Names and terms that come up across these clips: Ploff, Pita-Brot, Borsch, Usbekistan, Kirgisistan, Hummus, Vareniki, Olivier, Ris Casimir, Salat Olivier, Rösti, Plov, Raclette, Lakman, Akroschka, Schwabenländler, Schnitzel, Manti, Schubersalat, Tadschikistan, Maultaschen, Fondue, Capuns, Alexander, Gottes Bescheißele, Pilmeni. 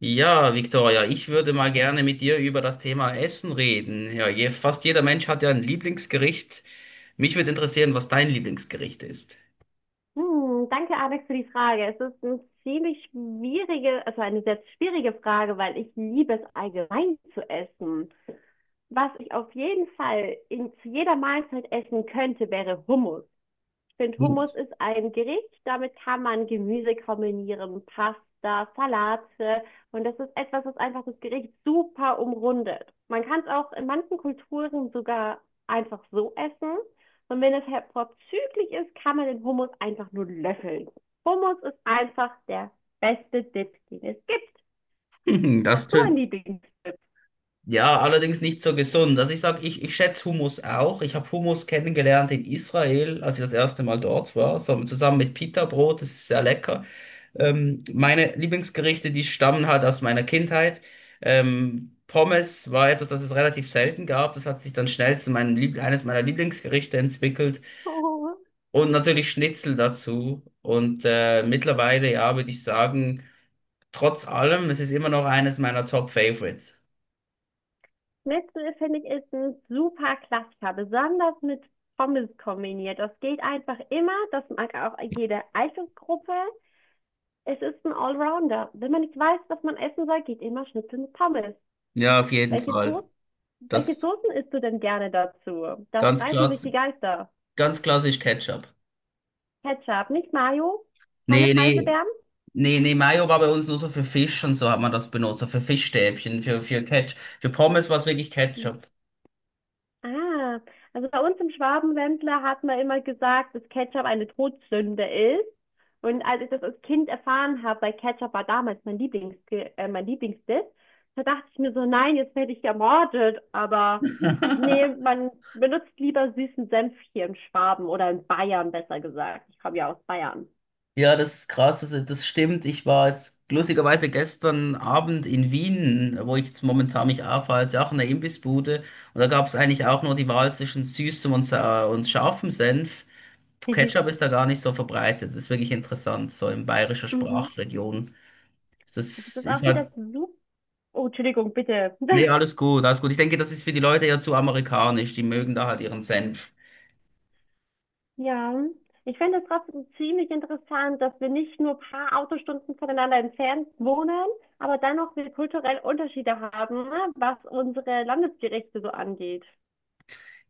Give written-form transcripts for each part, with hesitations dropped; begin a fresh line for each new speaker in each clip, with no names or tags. Ja, Victoria, ich würde mal gerne mit dir über das Thema Essen reden. Fast jeder Mensch hat ja ein Lieblingsgericht. Mich würde interessieren, was dein Lieblingsgericht ist.
Hm, danke, Alex, für die Frage. Es ist eine ziemlich schwierige, also eine sehr schwierige Frage, weil ich liebe es allgemein zu essen. Was ich auf jeden Fall zu jeder Mahlzeit essen könnte, wäre Hummus. Finde, Hummus
Hm.
ist ein Gericht, damit kann man Gemüse kombinieren, Pasta, Salate. Und das ist etwas, was einfach das Gericht super umrundet. Man kann es auch in manchen Kulturen sogar einfach so essen. Und wenn es halt vorzüglich ist, kann man den Hummus einfach nur löffeln. Hummus ist einfach der beste Dip, den es gibt.
Das
Hast du einen
tönt.
Lieblingsdip?
Ja, allerdings nicht so gesund. Also ich schätze Hummus auch. Ich habe Hummus kennengelernt in Israel, als ich das erste Mal dort war, so, zusammen mit Pita-Brot. Das ist sehr lecker. Meine Lieblingsgerichte, die stammen halt aus meiner Kindheit. Pommes war etwas, das es relativ selten gab. Das hat sich dann schnell zu meinem Lieb eines meiner Lieblingsgerichte entwickelt.
Oh,
Und natürlich Schnitzel dazu. Und mittlerweile, ja, würde ich sagen, trotz allem, es ist immer noch eines meiner Top Favorites.
Schnitzel finde ich ist ein super Klassiker, besonders mit Pommes kombiniert. Das geht einfach immer, das mag auch jede Altersgruppe. Es ist ein Allrounder. Wenn man nicht weiß, was man essen soll, geht immer Schnitzel mit Pommes.
Ja, auf jeden
Welche
Fall.
So-, welche
Das
Soßen isst du denn gerne dazu? Da
ganz
streiten sich
klass
die Geister.
ganz klassisch Ketchup.
Ketchup, nicht Mayo, keine
Nee, nee.
Preiselbeeren?
Nee, nee, Mayo war bei uns nur so für Fisch und so hat man das benutzt, so für Fischstäbchen, für Ketchup. Für Pommes war es wirklich Ketchup.
Ah, also bei uns im Schwabenländler hat man immer gesagt, dass Ketchup eine Todsünde ist. Und als ich das als Kind erfahren habe, weil Ketchup war damals mein mein Lieblingsdip, da dachte ich mir so, nein, jetzt werde ich ermordet. Aber nee, man benutzt lieber süßen Senf hier in Schwaben oder in Bayern, besser gesagt. Ich komme ja aus Bayern.
Ja, das ist krass, also das stimmt. Ich war jetzt lustigerweise gestern Abend in Wien, wo ich jetzt momentan mich aufhalte, auch in der Imbissbude. Und da gab es eigentlich auch nur die Wahl zwischen süßem und scharfem Senf. Ketchup ist da gar nicht so verbreitet. Das ist wirklich interessant, so in bayerischer
Mhm.
Sprachregion.
Aber es
Das
ist
ist
auch wieder
halt.
so. Oh, Entschuldigung, bitte.
Nee, alles gut, alles gut. Ich denke, das ist für die Leute ja zu amerikanisch. Die mögen da halt ihren Senf.
Ja, ich fände es trotzdem ziemlich interessant, dass wir nicht nur ein paar Autostunden voneinander entfernt wohnen, aber dennoch wir kulturell Unterschiede haben, ne, was unsere Landesgerichte so angeht.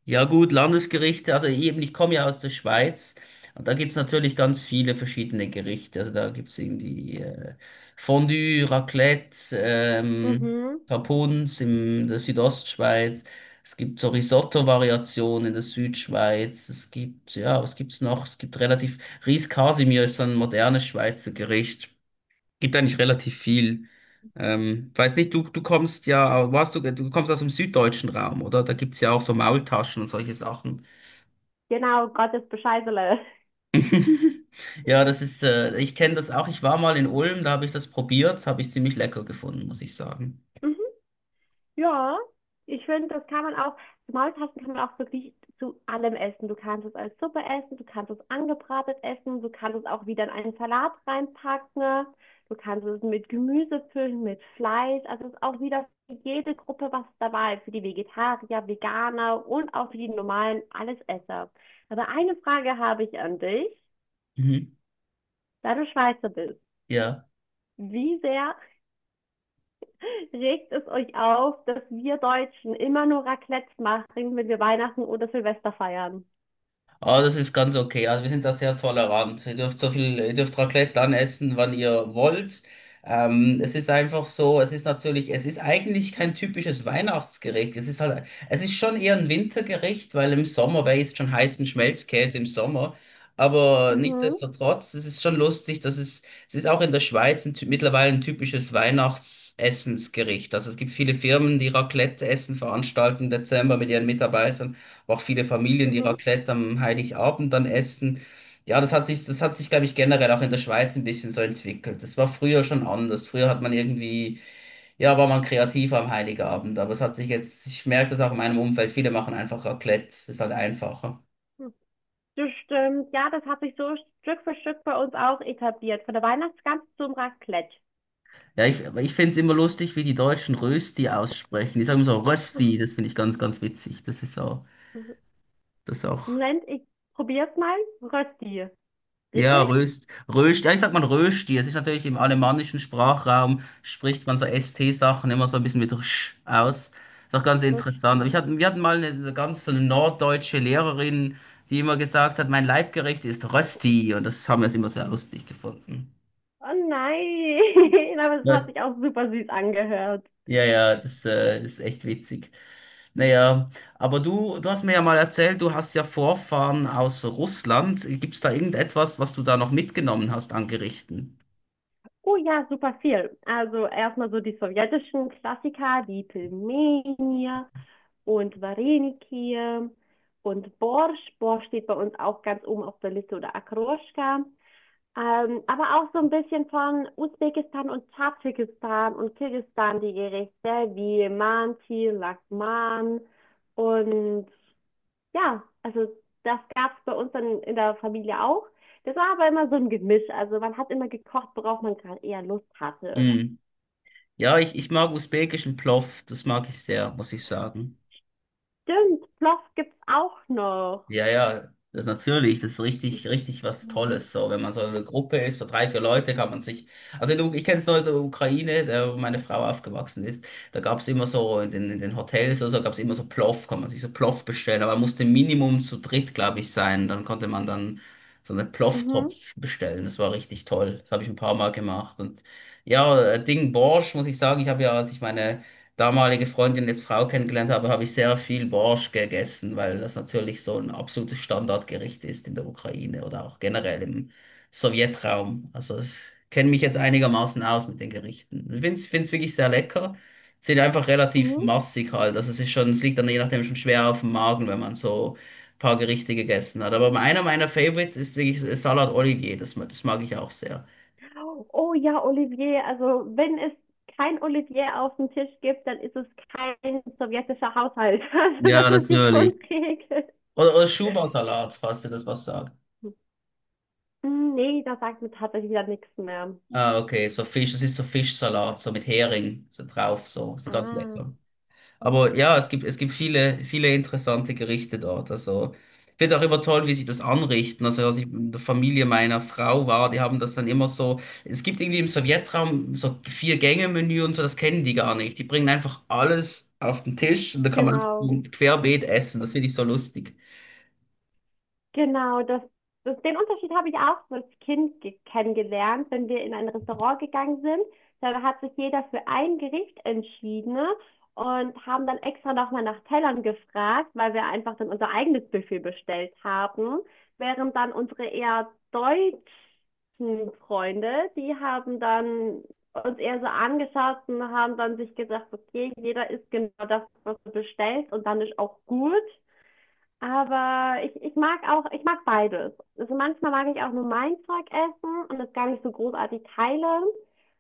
Ja gut, Landesgerichte, also eben, ich komme ja aus der Schweiz und da gibt's natürlich ganz viele verschiedene Gerichte. Also da gibt's irgendwie Fondue, Raclette,
Mhm.
Capuns in der Südostschweiz. Es gibt so Risotto-Variationen in der Südschweiz. Es gibt, ja, was gibt's noch? Es gibt relativ, Ris Casimir ist so ein modernes Schweizer Gericht. Gibt eigentlich relativ viel. Weiß nicht, du kommst ja, du kommst aus dem süddeutschen Raum, oder? Da gibt's ja auch so Maultaschen und solche Sachen.
Genau, Gottes Bescheißele.
Ja, das ist, ich kenne das auch. Ich war mal in Ulm, da habe ich das probiert, das habe ich ziemlich lecker gefunden, muss ich sagen.
Ja, ich finde, das kann man auch, Maultaschen kann man auch wirklich zu allem essen. Du kannst es als Suppe essen, du kannst es angebratet essen, du kannst es auch wieder in einen Salat reinpacken, ne? Du kannst es mit Gemüse füllen, mit Fleisch. Also es ist auch wieder für jede Gruppe was dabei, für die Vegetarier, Veganer und auch für die normalen Allesesser. Aber eine Frage habe ich an dich,
Mhm.
da du Schweizer bist.
Ja.
Wie sehr regt es euch auf, dass wir Deutschen immer nur Raclette machen, wenn wir Weihnachten oder Silvester feiern?
Aber das ist ganz okay. Also wir sind da sehr tolerant. Ihr dürft so viel, ihr dürft Raclette dann essen, wann ihr wollt. Es ist einfach so, es ist natürlich, es ist eigentlich kein typisches Weihnachtsgericht. Es ist halt, es ist schon eher ein Wintergericht, weil im Sommer, wer isst schon heißen Schmelzkäse im Sommer? Aber
Mhm,
nichtsdestotrotz, es ist schon lustig, dass es ist auch in der Schweiz mittlerweile ein typisches Weihnachtsessensgericht. Also es gibt viele Firmen, die Raclette-Essen veranstalten im Dezember mit ihren Mitarbeitern, auch viele Familien, die
mhm.
Raclette am Heiligabend dann essen. Ja, das hat sich, glaube ich, generell auch in der Schweiz ein bisschen so entwickelt. Das war früher schon anders. Früher hat man irgendwie, ja, war man kreativ am Heiligabend. Aber es hat sich jetzt, ich merke das auch in meinem Umfeld, viele machen einfach Raclette. Ist halt einfacher.
Das stimmt. Ja, das hat sich so Stück für Stück bei uns auch etabliert. Von der Weihnachtsgans zum Raclette.
Ja, ich finde es immer lustig, wie die Deutschen Rösti aussprechen. Die sagen so Rösti, das finde ich ganz, ganz witzig. Das ist auch, das ist auch.
Moment, ich probier's mal. Rösti.
Ja,
Richtig?
Ja, ich sag mal Rösti. Es ist natürlich im alemannischen Sprachraum spricht man so ST-Sachen immer so ein bisschen mit Rsch aus. Ist auch ganz interessant. Aber ich
Rösti.
hatte, wir hatten mal eine, so ganz so eine norddeutsche Lehrerin, die immer gesagt hat, mein Leibgericht ist Rösti. Und das haben wir immer sehr lustig gefunden.
Oh nein, aber es hat
Ja,
sich auch super süß angehört.
ja, das ist echt witzig. Naja, aber du hast mir ja mal erzählt, du hast ja Vorfahren aus Russland. Gibt's da irgendetwas, was du da noch mitgenommen hast an Gerichten?
Oh ja, super viel. Also erstmal so die sowjetischen Klassiker, die Pilmeni, und Vareniki und Borsch. Borsch steht bei uns auch ganz oben auf der Liste oder Akroschka. Aber auch so ein bisschen von Usbekistan und Tadschikistan und Kirgisistan die Gerichte wie Manti, Lakman und ja, also das gab es bei uns dann in der Familie auch. Das war aber immer so ein Gemisch. Also man hat immer gekocht, worauf man gerade eher Lust hatte.
Hm. Ja, ich mag usbekischen Plov, das mag ich sehr, muss ich sagen.
Stimmt, Ploff gibt's auch noch.
Ja, ja, das, natürlich, das ist richtig, richtig was
Mhm.
Tolles. So, wenn man so eine Gruppe ist, so drei, vier Leute, kann man sich. Ich kenne es noch aus der Ukraine, da wo meine Frau aufgewachsen ist. Da gab es immer so in den Hotels oder so, gab es immer so Plov, kann man sich so Plov bestellen. Aber man musste Minimum zu dritt, glaube ich, sein. Dann konnte man dann so einen
Mhm.
Plov-Topf bestellen. Das war richtig toll. Das habe ich ein paar Mal gemacht. Und ja, Ding Borsch, muss ich sagen, ich habe ja, als ich meine damalige Freundin, jetzt Frau kennengelernt habe, habe ich sehr viel Borsch gegessen, weil das natürlich so ein absolutes Standardgericht ist in der Ukraine oder auch generell im Sowjetraum. Also ich kenne mich jetzt einigermaßen aus mit den Gerichten. Ich finde es wirklich sehr lecker. Sind einfach relativ
Mhm.
massig halt. Also es ist schon, es liegt dann je nachdem schon schwer auf dem Magen, wenn man so ein paar Gerichte gegessen hat. Aber einer meiner Favorites ist wirklich Salat Olivier. Das mag ich auch sehr.
Oh oh ja, Olivier. Also wenn es kein Olivier auf dem Tisch gibt, dann ist es kein sowjetischer Haushalt. Also
Ja,
das ist die
natürlich.
Grundregel.
Oder Schubersalat, falls dir das was sagt.
Hm, nee, da sagt mir tatsächlich wieder nichts mehr.
Ah, okay, so Fisch, das ist so Fischsalat, so mit Hering so drauf, so, so ganz
Ah,
lecker. Aber ja, es gibt viele, viele interessante Gerichte dort. Also, ich finde auch immer toll, wie sie das anrichten. Also, als ich in der Familie meiner Frau war, die haben das dann immer so. Es gibt irgendwie im Sowjetraum so Vier-Gänge-Menü und so, das kennen die gar nicht. Die bringen einfach alles auf den Tisch und da kann man
genau.
einfach querbeet essen. Das finde ich so lustig.
Genau, den Unterschied habe ich auch so als Kind kennengelernt, wenn wir in ein Restaurant gegangen sind. Da hat sich jeder für ein Gericht entschieden, ne, und haben dann extra nochmal nach Tellern gefragt, weil wir einfach dann unser eigenes Buffet bestellt haben. Während dann unsere eher deutschen Freunde, die haben dann uns eher so angeschaut und haben dann sich gesagt, okay, jeder isst genau das, was er bestellt und dann ist auch gut. Aber ich mag auch, ich mag beides. Also manchmal mag ich auch nur mein Zeug essen und das gar nicht so großartig teilen.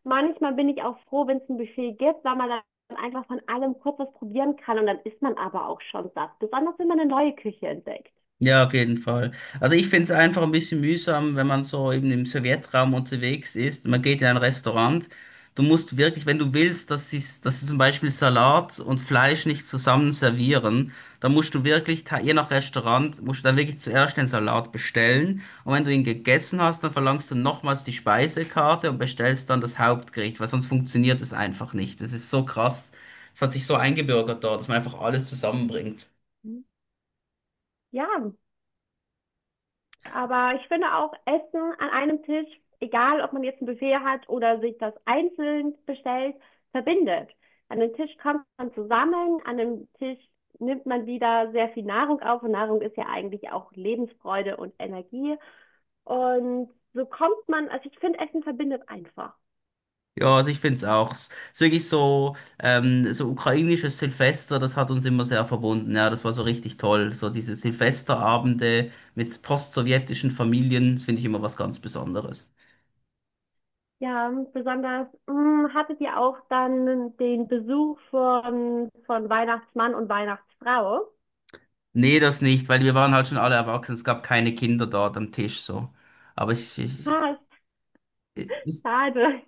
Manchmal bin ich auch froh, wenn es ein Buffet gibt, weil man dann einfach von allem kurz was probieren kann und dann isst man aber auch schon satt. Besonders wenn man eine neue Küche entdeckt.
Ja, auf jeden Fall. Also ich finde es einfach ein bisschen mühsam, wenn man so eben im Sowjetraum unterwegs ist. Man geht in ein Restaurant. Du musst wirklich, wenn du willst, dass sie zum Beispiel Salat und Fleisch nicht zusammen servieren, dann musst du je nach Restaurant, musst du dann wirklich zuerst den Salat bestellen. Und wenn du ihn gegessen hast, dann verlangst du nochmals die Speisekarte und bestellst dann das Hauptgericht, weil sonst funktioniert es einfach nicht. Das ist so krass. Es hat sich so eingebürgert dort, dass man einfach alles zusammenbringt.
Ja. Aber ich finde auch Essen an einem Tisch, egal ob man jetzt ein Buffet hat oder sich das einzeln bestellt, verbindet. An den Tisch kommt man zusammen, an dem Tisch nimmt man wieder sehr viel Nahrung auf und Nahrung ist ja eigentlich auch Lebensfreude und Energie. Und so kommt man, also ich finde, Essen verbindet einfach.
Ja, also ich finde es auch. Es ist wirklich so, so ukrainisches Silvester, das hat uns immer sehr verbunden. Ja, das war so richtig toll. So diese Silvesterabende mit postsowjetischen Familien, das finde ich immer was ganz Besonderes.
Ja, besonders, mh, hattet ihr auch dann den Besuch von Weihnachtsmann und Weihnachtsfrau?
Nee, das nicht, weil wir waren halt schon alle erwachsen. Es gab keine Kinder dort am Tisch so. Aber
Ah,
ist,
schade.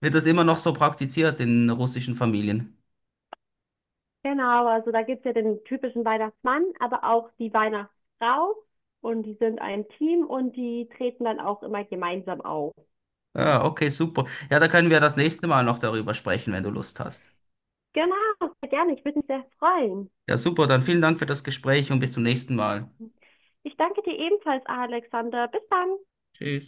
wird das immer noch so praktiziert in russischen Familien?
Genau, also da gibt's ja den typischen Weihnachtsmann, aber auch die Weihnachtsfrau. Und die sind ein Team und die treten dann auch immer gemeinsam auf.
Ah, okay, super. Ja, da können wir das nächste Mal noch darüber sprechen, wenn du Lust hast.
Genau, sehr gerne. Ich würde mich sehr freuen.
Ja, super. Dann vielen Dank für das Gespräch und bis zum nächsten Mal.
Ich danke dir ebenfalls, Alexander. Bis dann.
Tschüss.